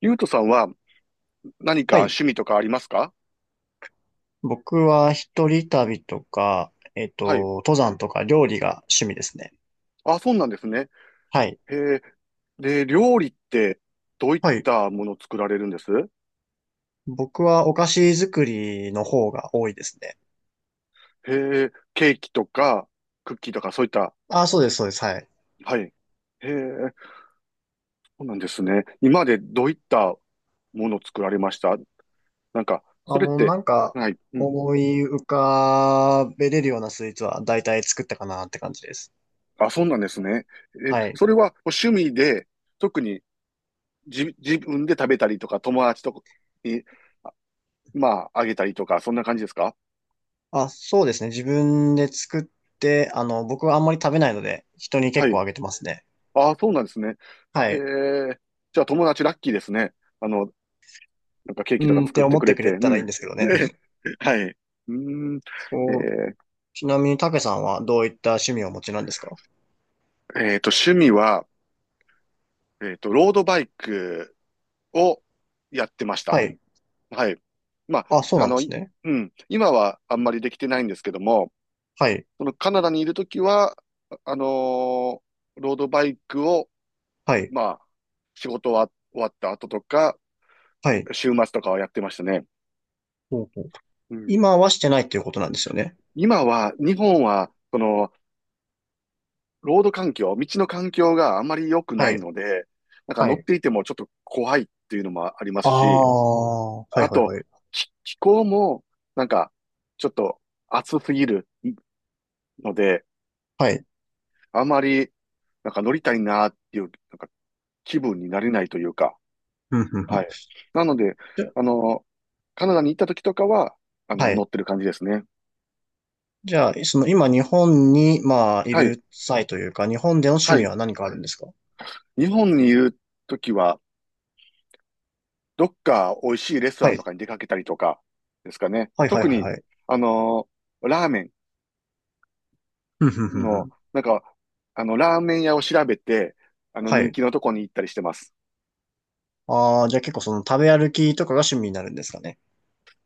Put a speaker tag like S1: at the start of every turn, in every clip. S1: ゆうとさんは何か
S2: はい。
S1: 趣味とかありますか？
S2: 僕は一人旅とか、
S1: はい。
S2: 登山とか料理が趣味ですね。
S1: あ、そうなんですね。
S2: はい。
S1: へえ。で、料理ってどういっ
S2: はい。
S1: たものを作られるんです？
S2: 僕はお菓子作りの方が多いですね。
S1: へえ。ケーキとかクッキーとかそういった。
S2: あ、そうです、そうです。はい。
S1: はい。へえ。そうなんですね。今までどういったものを作られました？なんか、
S2: あ、
S1: それっ
S2: もう
S1: て、
S2: なんか、
S1: はい。うん。
S2: 思い浮かべれるようなスイーツは大体作ったかなって感じです。
S1: あ、そうなんですね。え、
S2: はい。
S1: それは趣味で、特に自分で食べたりとか、友達とかに、まあ、あげたりとか、そんな感じですか？
S2: あ、そうですね。自分で作って、僕はあんまり食べないので、人に
S1: は
S2: 結構
S1: い。
S2: あげてますね。
S1: ああ、そうなんですね。
S2: は
S1: へ
S2: い。
S1: え。じゃあ友達ラッキーですね。あの、なんかケー
S2: う
S1: キとか
S2: んっ
S1: 作
S2: て
S1: って
S2: 思っ
S1: く
S2: て
S1: れ
S2: く
S1: て。
S2: れ
S1: う
S2: たらいいん
S1: ん。
S2: ですけどね。
S1: ね。はい。うーん。え
S2: こ
S1: ー
S2: ちなみに、たけさんはどういった趣味をお持ちなんですか？
S1: 趣味は、ロードバイクをやってました。
S2: はい。
S1: はい。ま
S2: あ、そう
S1: あ、あ
S2: なんで
S1: の、
S2: すね。
S1: うん。今はあんまりできてないんですけども、
S2: はい。
S1: そのカナダにいるときは、あのーロードバイクを、
S2: はい。
S1: まあ、仕事は終わった後とか、
S2: はい。
S1: 週末とかはやってましたね。
S2: ほうほう。
S1: うん。
S2: 今はしてないっていうことなんですよね。
S1: 今は、日本は、その、ロード環境、道の環境があまり良くな
S2: は
S1: い
S2: い。
S1: ので、なんか
S2: は
S1: 乗っ
S2: い。
S1: ていてもちょっと怖いっていうのもありま
S2: あ
S1: すし、
S2: あ、はい
S1: あ
S2: はい
S1: と、
S2: はい。
S1: 気候も、なんか、ちょっと暑すぎるので、
S2: はい。
S1: あまり、なんか乗りたいなっていう、なんか気分になれないというか、
S2: うん、うん、う
S1: は
S2: ん。
S1: い。なので、
S2: じゃ、
S1: あの、カナダに行った時とかは、あ
S2: は
S1: の、乗
S2: い。
S1: ってる感じですね。
S2: じゃあ、その今日本に、まあ、い
S1: はい。
S2: る際というか、日本での趣
S1: は
S2: 味
S1: い。
S2: は何かあるんですか？
S1: 日本にいる時は、どっか美味しいレストラ
S2: は
S1: ンと
S2: い。
S1: かに出かけたりとかですかね。
S2: はいはい
S1: 特
S2: はい
S1: に、
S2: はい。
S1: あのラーメ
S2: うん、うん、
S1: ン
S2: うん、う
S1: の、
S2: ん。
S1: なんか、あの、ラーメン屋を調べて、あの、
S2: は
S1: 人
S2: い。
S1: 気のとこに行ったりしてます。
S2: ああ、じゃあ結構その食べ歩きとかが趣味になるんですかね。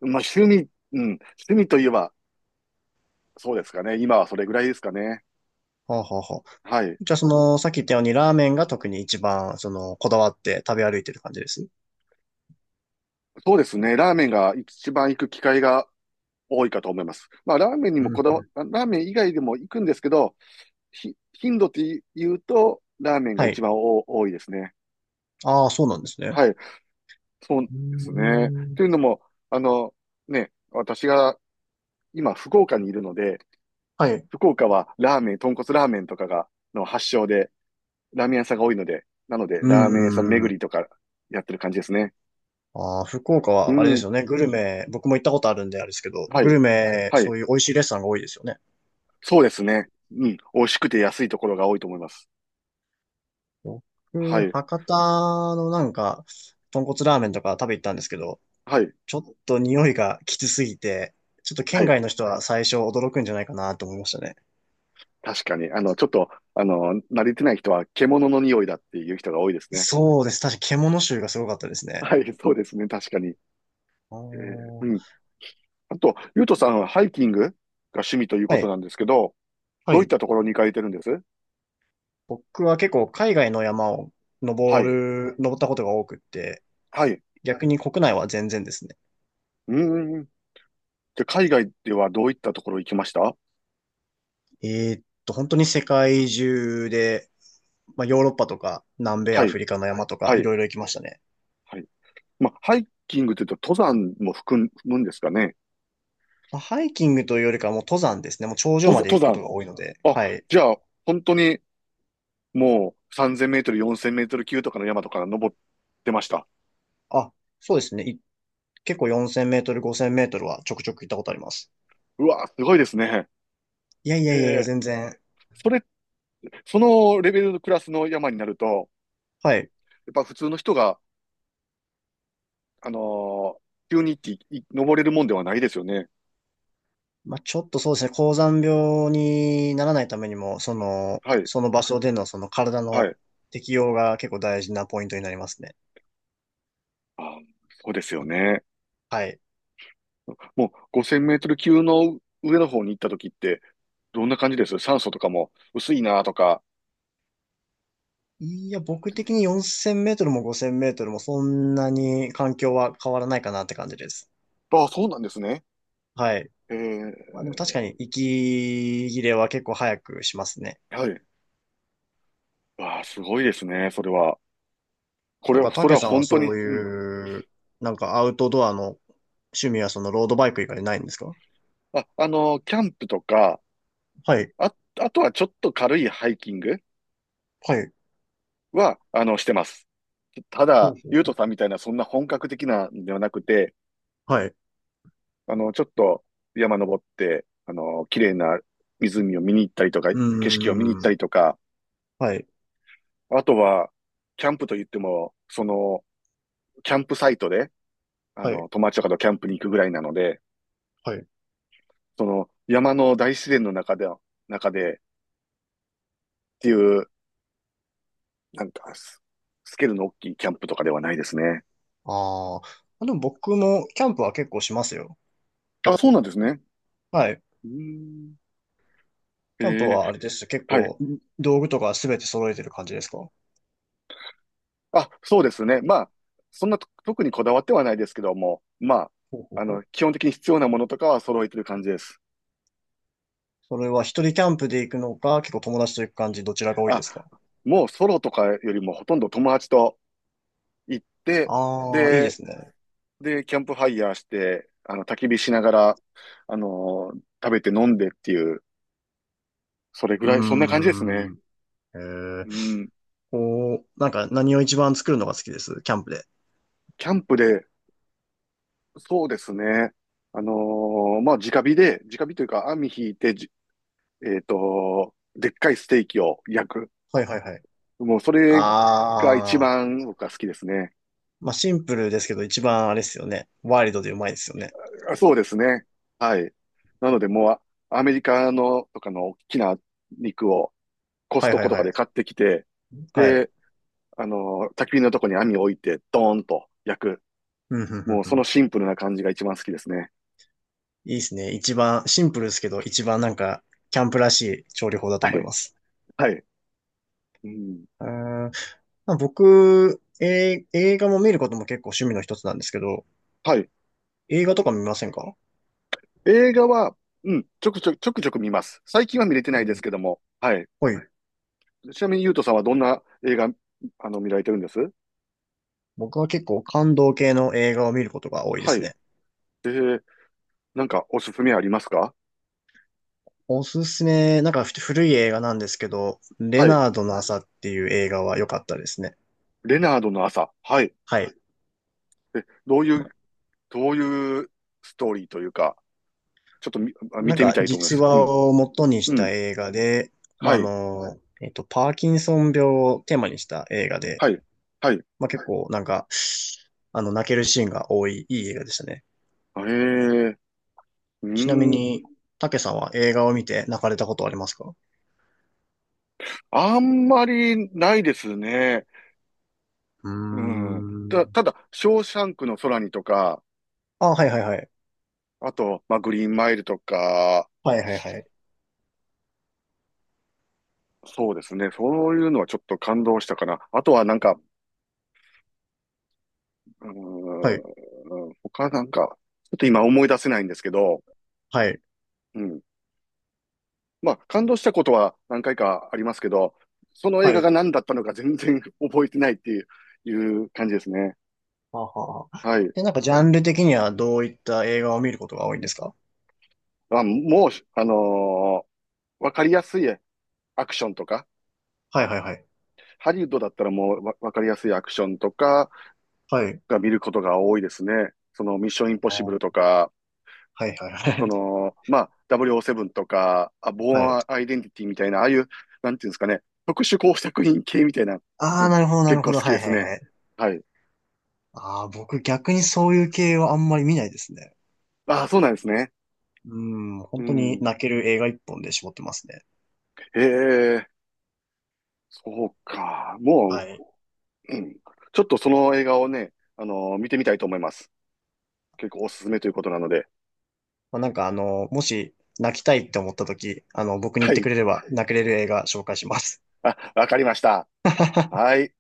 S1: まあ、趣味、うん、趣味といえば、そうですかね。今はそれぐらいですかね。
S2: はあ、はあ、はあ。
S1: はい。
S2: じゃあ、その、さっき言ったように、ラーメンが特に一番、その、こだわって食べ歩いてる感じです。
S1: そうですね。ラーメンが一番行く機会が多いかと思います。まあ、
S2: うんうん。
S1: ラーメン以外でも行くんですけど、頻度って言うと、ラーメンが
S2: は
S1: 一
S2: い。
S1: 番お多いですね。
S2: ああ、そうなんですね。
S1: はい。そうで
S2: う
S1: すね。
S2: ーん。
S1: というのも、あの、ね、私が今福岡にいるので、
S2: はい。
S1: 福岡はラーメン、豚骨ラーメンとかが、の発祥で、ラーメン屋さんが多いので、なので、
S2: うー
S1: ラーメン屋さん巡
S2: ん。
S1: りとかやってる感じですね。
S2: ああ、福岡
S1: う
S2: は、あれで
S1: ん。
S2: すよね。グルメ、僕も行ったことあるんであれですけど、
S1: は
S2: グ
S1: い。
S2: ルメ、
S1: は
S2: そ
S1: い。
S2: ういう美味しいレストランが多いですよね。
S1: そうですね。うん。美味しくて安いところが多いと思います。は
S2: 僕、
S1: い。
S2: 博多のなんか、豚骨ラーメンとか食べ行ったんですけど、
S1: はい。
S2: ちょっと匂いがきつすぎて、ちょっと
S1: は
S2: 県
S1: い。
S2: 外の人は最初驚くんじゃないかなと思いましたね。
S1: 確かに。あの、ちょっと、あの、慣れてない人は獣の匂いだっていう人が多いですね。
S2: そうです。確かに獣臭がすごかったですね。
S1: はい。そうですね。確かに。
S2: あ
S1: う
S2: ー
S1: ん。あと、ゆうとさんはハイキングが趣味という
S2: は
S1: こと
S2: い。
S1: なんですけど、
S2: は
S1: どういっ
S2: い。
S1: たところに行かれてるんです？
S2: 僕は結構海外の山を
S1: はい、
S2: 登ったことが多くって、
S1: はい。
S2: 逆に国内は全然ですね。
S1: うーん。じゃ海外ではどういったところ行きました？
S2: え本当に世界中で、まあ、ヨーロッパとか南米
S1: は
S2: アフ
S1: い、
S2: リカの山とか
S1: は
S2: い
S1: い、
S2: ろいろ行きましたね。
S1: はい。まあ、ハイキングというと登山も含むんですかね？
S2: まあ、ハイキングというよりかはもう登山ですね。もう頂上
S1: 登
S2: ま
S1: 山、
S2: で行
S1: 登
S2: くことが多いので。
S1: 山。あ、
S2: はい。
S1: じゃあ、本当にもう3000メートル、4000メートル級とかの山とか登ってました。
S2: あ、そうですね。結構4000メートル、5000メートルはちょくちょく行ったことあります。
S1: うわ、すごいですね。
S2: いやい
S1: へ
S2: やいやいや、
S1: え。
S2: 全然。
S1: それ、そのレベルのクラスの山になると、
S2: はい。
S1: やっぱ普通の人があのー、急にっていい登れるもんではないですよね。
S2: まあ、ちょっとそうですね、高山病にならないためにも、その、
S1: はい、
S2: その場所でのその体
S1: は
S2: の
S1: い。
S2: 適応が結構大事なポイントになりますね。
S1: あー、そうですよね。
S2: はい。
S1: もう5000メートル級の上の方に行った時って、どんな感じです？酸素とかも薄いなとか。
S2: いや、僕的に4000メートルも5000メートルもそんなに環境は変わらないかなって感じです。
S1: ああ、そうなんですね。
S2: はい。
S1: え
S2: まあ、で
S1: え、
S2: も確かに息切れは結構早くしますね。
S1: はい。ああ、すごいですね、それは。こ
S2: な
S1: れ
S2: ん
S1: は、
S2: か、
S1: そ
S2: た
S1: れ
S2: け
S1: は
S2: さんは
S1: 本当
S2: そ
S1: に、
S2: う
S1: うん。
S2: いう、なんかアウトドアの趣味はそのロードバイク以外ないんですか？
S1: あ、あのー、キャンプとか、
S2: はい。
S1: あ、あとはちょっと軽いハイキング
S2: はい。
S1: は、あの、してます。た
S2: は
S1: だ、ゆうと
S2: い。
S1: さんみたいな、そんな本格的なんではなくて、
S2: はい
S1: あの、ちょっと山登って、あの、綺麗な湖を見に行ったりとか、
S2: う
S1: 景色を見に行
S2: ー
S1: ったり
S2: ん。
S1: とか、
S2: はい。
S1: あとは、キャンプと言っても、その、キャンプサイトで、あ
S2: は
S1: の、
S2: い。
S1: 友達とかとキャンプに行くぐらいなので、
S2: はい。
S1: その、山の大自然の中で、っていう、なんかス、スケールの大きいキャンプとかではないですね。
S2: あーあ、でも僕もキャンプは結構しますよ。
S1: あ、そうなんですね。
S2: はい。
S1: うーん。え
S2: キャンプ
S1: ー
S2: はあれです。結
S1: はい。
S2: 構、道具とかすべて揃えてる感じですか？ほ
S1: あ、そうですね。まあ、そんなと特にこだわってはないですけども、ま
S2: うほ
S1: あ、
S2: う
S1: あ
S2: ほ
S1: の、
S2: う。
S1: 基本的に必要なものとかは揃えてる感じです。
S2: それは一人キャンプで行くのか、結構友達と行く感じ、どちらが多いで
S1: あ、
S2: すか？
S1: もうソロとかよりもほとんど友達と行って、
S2: ああー、いいで
S1: で、
S2: すね。
S1: で、キャンプファイヤーして、あの、焚き火しながら、あの食べて飲んでっていう、それぐ
S2: う
S1: らい、そんな感じですね。
S2: ーん。えー、
S1: うん。
S2: こう、なんか何を一番作るのが好きです。キャンプで。
S1: キャンプで、そうですね。まあ、直火で、直火というか網引いて、じえっと、でっかいステーキを焼く。
S2: はいはいはい。
S1: もうそれが一
S2: ああ、
S1: 番僕は好きですね。
S2: まあシンプルですけど、一番あれですよね。ワイルドでうまいですよね。
S1: あ、そうですね。はい。なのでもうアメリカのとかの大きな肉をコス
S2: はい
S1: ト
S2: は
S1: コ
S2: い
S1: とか
S2: は
S1: で買っ
S2: い。
S1: てきて、
S2: はい。
S1: で、あの、焚き火のとこに網を置いてドーンと焼く。
S2: うんうん
S1: もう
S2: う
S1: そ
S2: んん
S1: のシンプルな感じが一番好きですね。
S2: いいですね。一番、シンプルですけど、一番なんか、キャンプらしい調理法だと
S1: は
S2: 思い
S1: い。
S2: ます。
S1: はい。うん。
S2: うーんまあ僕、えー映画も見ることも結構趣味の一つなんですけど、
S1: はい。
S2: 映画とか見ませんか？
S1: 映画は、うん、ちょくちょく見ます。最近は見れて
S2: う
S1: ないです
S2: ん。
S1: けども。はい。
S2: はい。
S1: ちなみに、ゆうとさんはどんな映画、あの、見られてるんです？
S2: 僕は結構感動系の映画を見ることが多いで
S1: は
S2: す
S1: い。
S2: ね。
S1: で、なんかおすすめありますか？
S2: おすすめ、なんか古い映画なんですけど、レ
S1: はい。
S2: ナードの朝っていう映画は良かったですね。
S1: レナードの朝。はい。
S2: はい。
S1: え、どういうストーリーというか、ちょっと見
S2: なん
S1: てみ
S2: か
S1: たいと思いま
S2: 実
S1: す。う
S2: 話
S1: ん。
S2: を元にし
S1: う
S2: た
S1: ん。
S2: 映画で、まあ、
S1: はい。
S2: パーキンソン病をテーマにした映画で、
S1: はい。はい。
S2: まあ、結構なんか、あの、泣けるシーンが多い、いい映画でしたね。
S1: へえ。う
S2: ちなみ
S1: ーん。
S2: に、たけさんは映画を見て泣かれたことありますか？
S1: あんまりないですね。
S2: うー
S1: うん。た、
S2: ん。
S1: ただ、ショーシャンクの空にとか、
S2: あ、はいはいはい。
S1: あと、まあ、グリーンマイルとか、
S2: はいはいはい。
S1: そうですね。そういうのはちょっと感動したかな。あとはなんか、う
S2: はい、
S1: ーん、他なんか、ちょっと今思い出せないんですけど、
S2: はい、
S1: うん。まあ、感動したことは何回かありますけど、その映
S2: は
S1: 画が
S2: い。
S1: 何だったのか全然 覚えてないっていう感じですね。
S2: はあはあはあ
S1: はい。
S2: で、なんかジャンル的にはどういった映画を見ることが多いんですか？
S1: あ、もう、わかりやすいアクションとか、
S2: はいはいはい。
S1: ハリウッドだったらもうわかりやすいアクションとか
S2: はい。
S1: が見ることが多いですね。そのミッションインポッ
S2: あ
S1: シブ
S2: ー
S1: ルとか、
S2: はいはいは
S1: そ
S2: い。
S1: の、まあ、0ブ7とか、あ、ボ
S2: はい。
S1: ーンアイデンティティみたいな、ああいう、なんていうんですかね、特殊工作品系みたいな、
S2: ああ、なるほどな
S1: 結
S2: る
S1: 構
S2: ほ
S1: 好
S2: ど。
S1: き
S2: は
S1: で
S2: いは
S1: す
S2: い
S1: ね。
S2: はい。
S1: はい。
S2: ああ、僕逆にそういう系はあんまり見ないですね。
S1: ああ、そうなんですね。
S2: うーん、
S1: う
S2: 本当に
S1: ん。
S2: 泣ける映画一本で絞ってますね。
S1: へえ、そうか。
S2: は
S1: も
S2: い。
S1: う、うん、ちょっとその映画をね、見てみたいと思います。結構おすすめということなので。
S2: まあ、なんかあの、もし泣きたいって思った時、あの、僕に言っ
S1: は
S2: てく
S1: い。
S2: れれば泣けれる映画紹介します。
S1: あ、わかりました。はい。